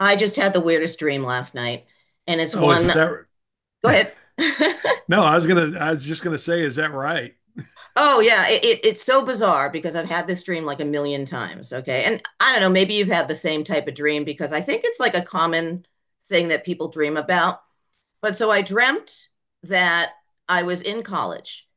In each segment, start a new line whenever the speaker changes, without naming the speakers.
I just had the weirdest dream last night, and it's
Oh,
one.
is that
Go ahead.
no? I was just gonna say, is that right?
Oh yeah, it's so bizarre because I've had this dream like a million times. Okay, and I don't know, maybe you've had the same type of dream because I think it's like a common thing that people dream about. But so I dreamt that I was in college,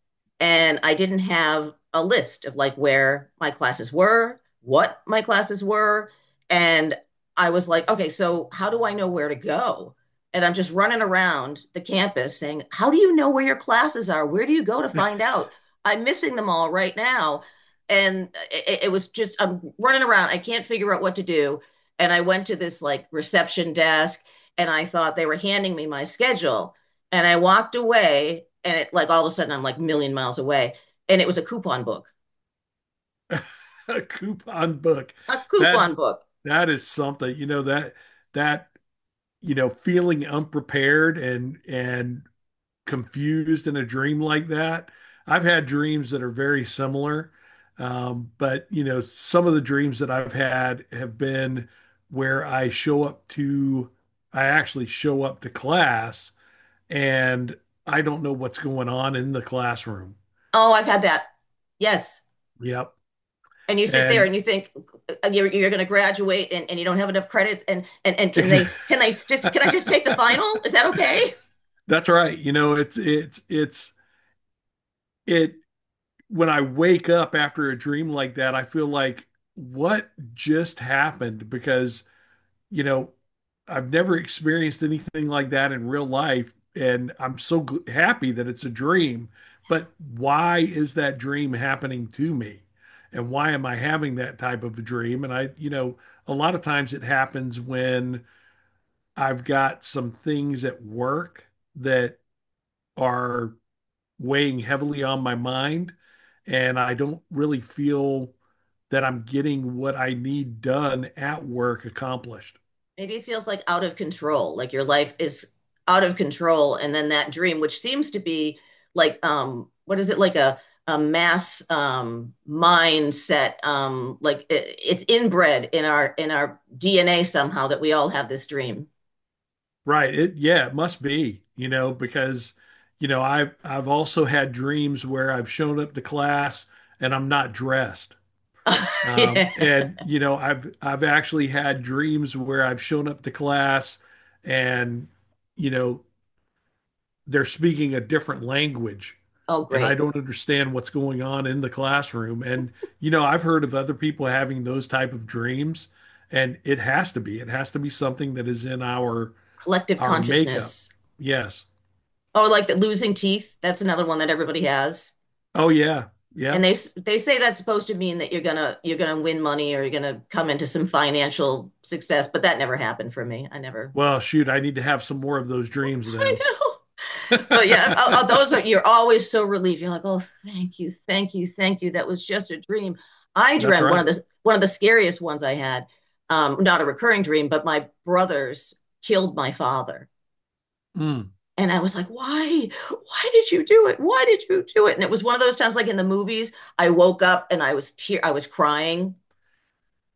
and I didn't have a list of like where my classes were, what my classes were. And I was like, okay, so how do I know where to go? And I'm just running around the campus saying, how do you know where your classes are? Where do you go to find out? I'm missing them all right now. And it was just, I'm running around. I can't figure out what to do. And I went to this like reception desk and I thought they were handing me my schedule. And I walked away, and it like all of a sudden I'm like a million miles away, and it was a coupon book,
A coupon book.
a
That
coupon book.
that is something. That you know feeling unprepared and confused in a dream like that. I've had dreams that are very similar, but you know some of the dreams that I've had have been where I show up to. I actually show up to class and I don't know what's going on in the classroom.
Oh, I've had that. Yes.
Yep.
And you sit there
And
and you think you're going to graduate, and you don't have enough credits, and, and can they just, can I just take the final? Is that okay?
that's right. You know, it's it when I wake up after a dream like that, I feel like what just happened because, you know, I've never experienced anything like that in real life and I'm so happy that it's a dream, but why is that dream happening to me? And why am I having that type of a dream? And I a lot of times it happens when I've got some things at work that are weighing heavily on my mind, and I don't really feel that I'm getting what I need done at work accomplished.
Maybe it feels like out of control, like your life is out of control. And then that dream, which seems to be like, what is it, like a mass mindset, like it's inbred in our DNA somehow that we all have this dream.
Right. It, yeah, it must be, you know, because, you know, I've also had dreams where I've shown up to class and I'm not dressed. Um,
Yeah.
and you know, I've I've actually had dreams where I've shown up to class and, you know, they're speaking a different language
Oh,
and I
great.
don't understand what's going on in the classroom. And you know, I've heard of other people having those type of dreams, and It has to be something that is in our
Collective
our makeup.
consciousness.
Yes.
Oh, like the losing teeth. That's another one that everybody has.
Oh yeah.
And
Yeah.
they say that's supposed to mean that you're gonna win money or you're gonna come into some financial success, but that never happened for me. I never—
Well, shoot, I need to have some more of those dreams then.
I know. But yeah, those are—
That's
you're always so relieved. You're like, oh, thank you, thank you, thank you. That was just a dream. I dreamt one of
right.
the scariest ones I had. Not a recurring dream, but my brothers killed my father.
Mm.
And I was like, why? Why did you do it? Why did you do it? And it was one of those times, like in the movies, I woke up and I was I was crying,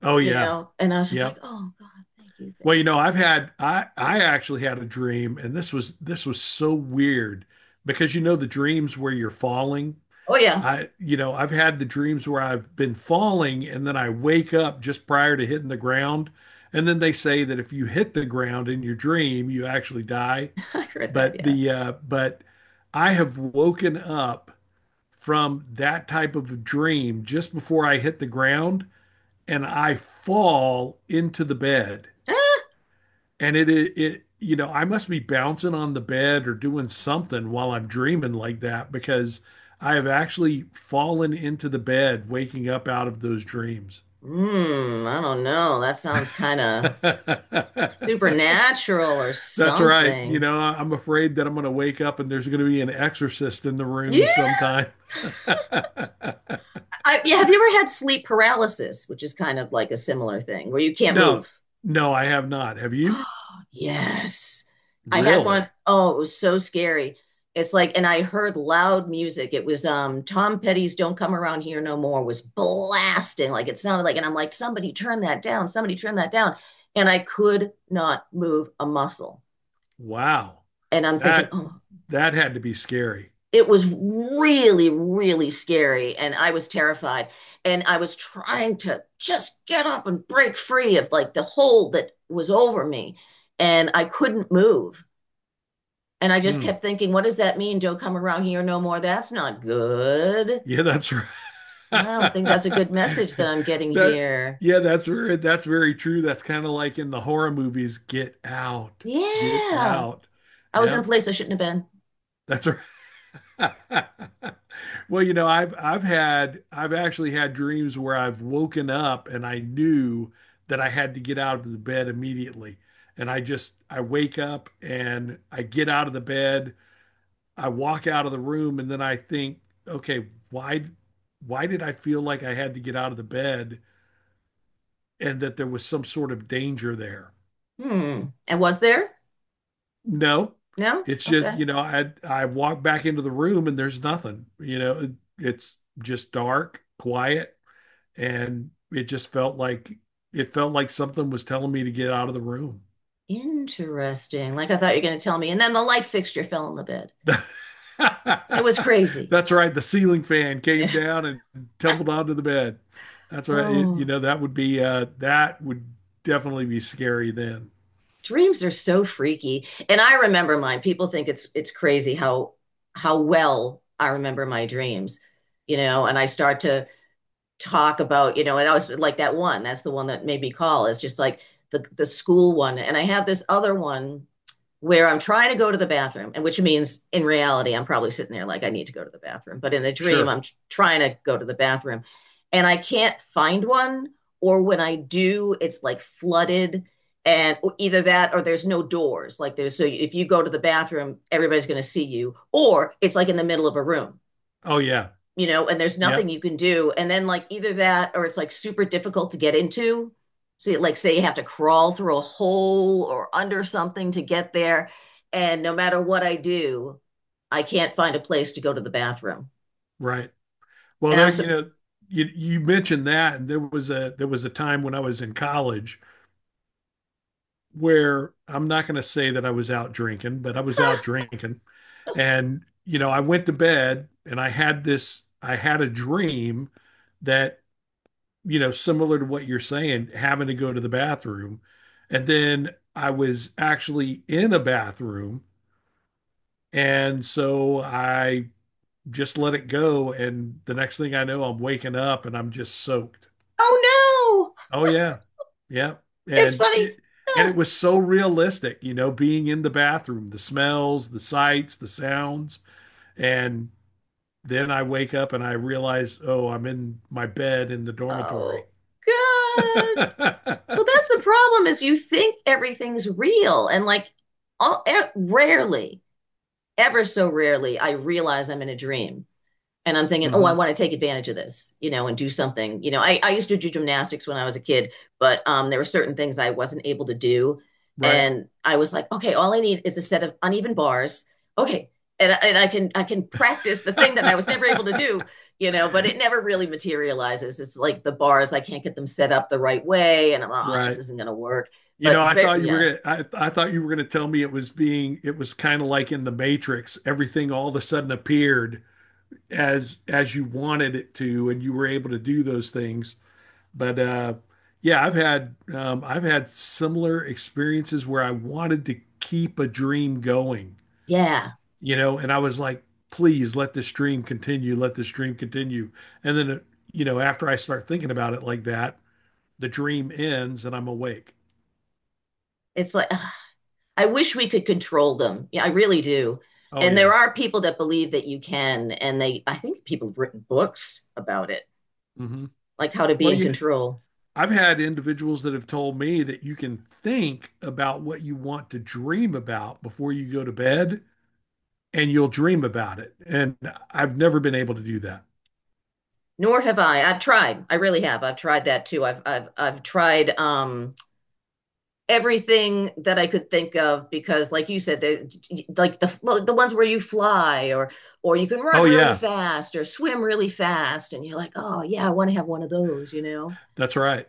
Oh
you
yeah.
know? And I was just
Yeah.
like, oh God, thank you, thank
Well, you
you.
know, I actually had a dream, and this was so weird because you know the dreams where you're falling.
Oh yeah,
I've had the dreams where I've been falling and then I wake up just prior to hitting the ground. And then they say that if you hit the ground in your dream, you actually die.
I heard that,
But
yeah.
the uh but I have woken up from that type of a dream just before I hit the ground and I fall into the bed
Ah,
and it you know I must be bouncing on the bed or doing something while I'm dreaming like that because I have actually fallen into the bed waking up out of those dreams.
I don't know. That sounds kind of supernatural or
That's right. You
something.
know, I'm afraid that I'm going to wake up and there's going to be an exorcist in the room
Yeah,
sometime.
yeah. Have you ever had sleep paralysis, which is kind of like a similar thing where you can't
No,
move?
no, I have not. Have you?
Yes. I had
Really?
one. Oh, it was so scary. It's like, and I heard loud music. It was Tom Petty's "Don't Come Around Here No More" was blasting. Like it sounded like, and I'm like, somebody turn that down, somebody turn that down. And I could not move a muscle.
Wow.
And I'm thinking,
That
oh,
that had to be scary.
it was really, really scary. And I was terrified. And I was trying to just get up and break free of like the hold that was over me. And I couldn't move. And I just
Hmm.
kept thinking, what does that mean? Don't come around here no more. That's not good.
Yeah, that's right.
I don't think that's a good message that I'm getting
That
here.
yeah, that's very true. That's kind of like in the horror movies, Get Out, Get
Yeah.
Out.
I was in a
Yeah,
place I shouldn't have been.
that's right. Well, you know, I've actually had dreams where I've woken up and I knew that I had to get out of the bed immediately. And I wake up and I get out of the bed, I walk out of the room, and then I think, okay, why did I feel like I had to get out of the bed and that there was some sort of danger there?
Hmm. And was there?
No,
No?
it's just,
Okay.
you know, I walk back into the room and there's nothing. You know, it's just dark, quiet, and it felt like something was telling me to get out of the room.
Interesting. Like I thought you were going to tell me. And then the light fixture fell on the bed. It was crazy.
That's right. The ceiling fan came
Yeah.
down and tumbled onto the bed. That's right. It, you
Oh,
know, that would definitely be scary then.
dreams are so freaky. And I remember mine. People think it's crazy how well I remember my dreams, you know, and I start to talk about, you know, and I was like that one, that's the one that made me call is just like the school one. And I have this other one where I'm trying to go to the bathroom, and which means in reality, I'm probably sitting there like I need to go to the bathroom. But in the dream,
Sure.
I'm trying to go to the bathroom and I can't find one, or when I do, it's like flooded. And either that or there's no doors. Like there's— so if you go to the bathroom, everybody's going to see you, or it's like in the middle of a room,
Oh yeah.
you know, and there's nothing
Yep.
you can do. And then like either that or it's like super difficult to get into. So like say you have to crawl through a hole or under something to get there. And no matter what I do, I can't find a place to go to the bathroom.
Right. Well,
And
there,
I'm so—
you know, you mentioned that, and there was a time when I was in college where I'm not going to say that I was out drinking, but I was out drinking, and you know, I went to bed and I had a dream that you know similar to what you're saying, having to go to the bathroom, and then I was actually in a bathroom, and so I just let it go, and the next thing I know, I'm waking up and I'm just soaked.
oh no.
Oh yeah. Yeah.
It's
And
funny.
it and it
Ah,
was so realistic, you know, being in the bathroom, the smells, the sights, the sounds. And then I wake up and I realize, oh, I'm in my bed in the
oh
dormitory.
god. Well, that's the problem is you think everything's real, and like all, rarely, ever so rarely I realize I'm in a dream. And I'm thinking, oh, I
hmm
want to take advantage of this, you know, and do something. You know, I used to do gymnastics when I was a kid, but there were certain things I wasn't able to do.
Right.
And I was like, okay, all I need is a set of uneven bars. Okay. And, I can practice the thing that I was never able to do, you know, but it never really materializes. It's like the bars, I can't get them set up the right way. And I'm like, oh, this
Right.
isn't going to work.
You
But
know, I
very,
thought you were
yeah,
gonna I, I thought you were gonna tell me it was being it was kind of like in the Matrix, everything all of a sudden appeared as you wanted it to, and you were able to do those things. But yeah, I've had similar experiences where I wanted to keep a dream going,
yeah.
you know, and I was like, please let this dream continue, let this dream continue. And then, uh, you know, after I start thinking about it like that, the dream ends and I'm awake.
It's like, I wish we could control them. Yeah, I really do.
Oh
And there
yeah.
are people that believe that you can, and they— I think people have written books about it,
hmm
like how to be
Well,
in control.
I've had individuals that have told me that you can think about what you want to dream about before you go to bed and you'll dream about it. And I've never been able to do that.
Nor have I. I've tried. I really have. I've tried that too. I've tried everything that I could think of because, like you said, there's like the ones where you fly or you can run
Oh
really
yeah.
fast or swim really fast, and you're like, oh yeah, I want to have one of those, you know.
That's right.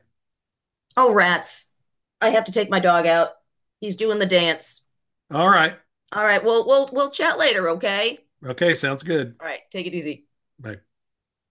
Oh, rats. I have to take my dog out. He's doing the dance.
All right.
All right, well, we'll chat later, okay?
Okay, sounds good.
All right, take it easy.
Bye.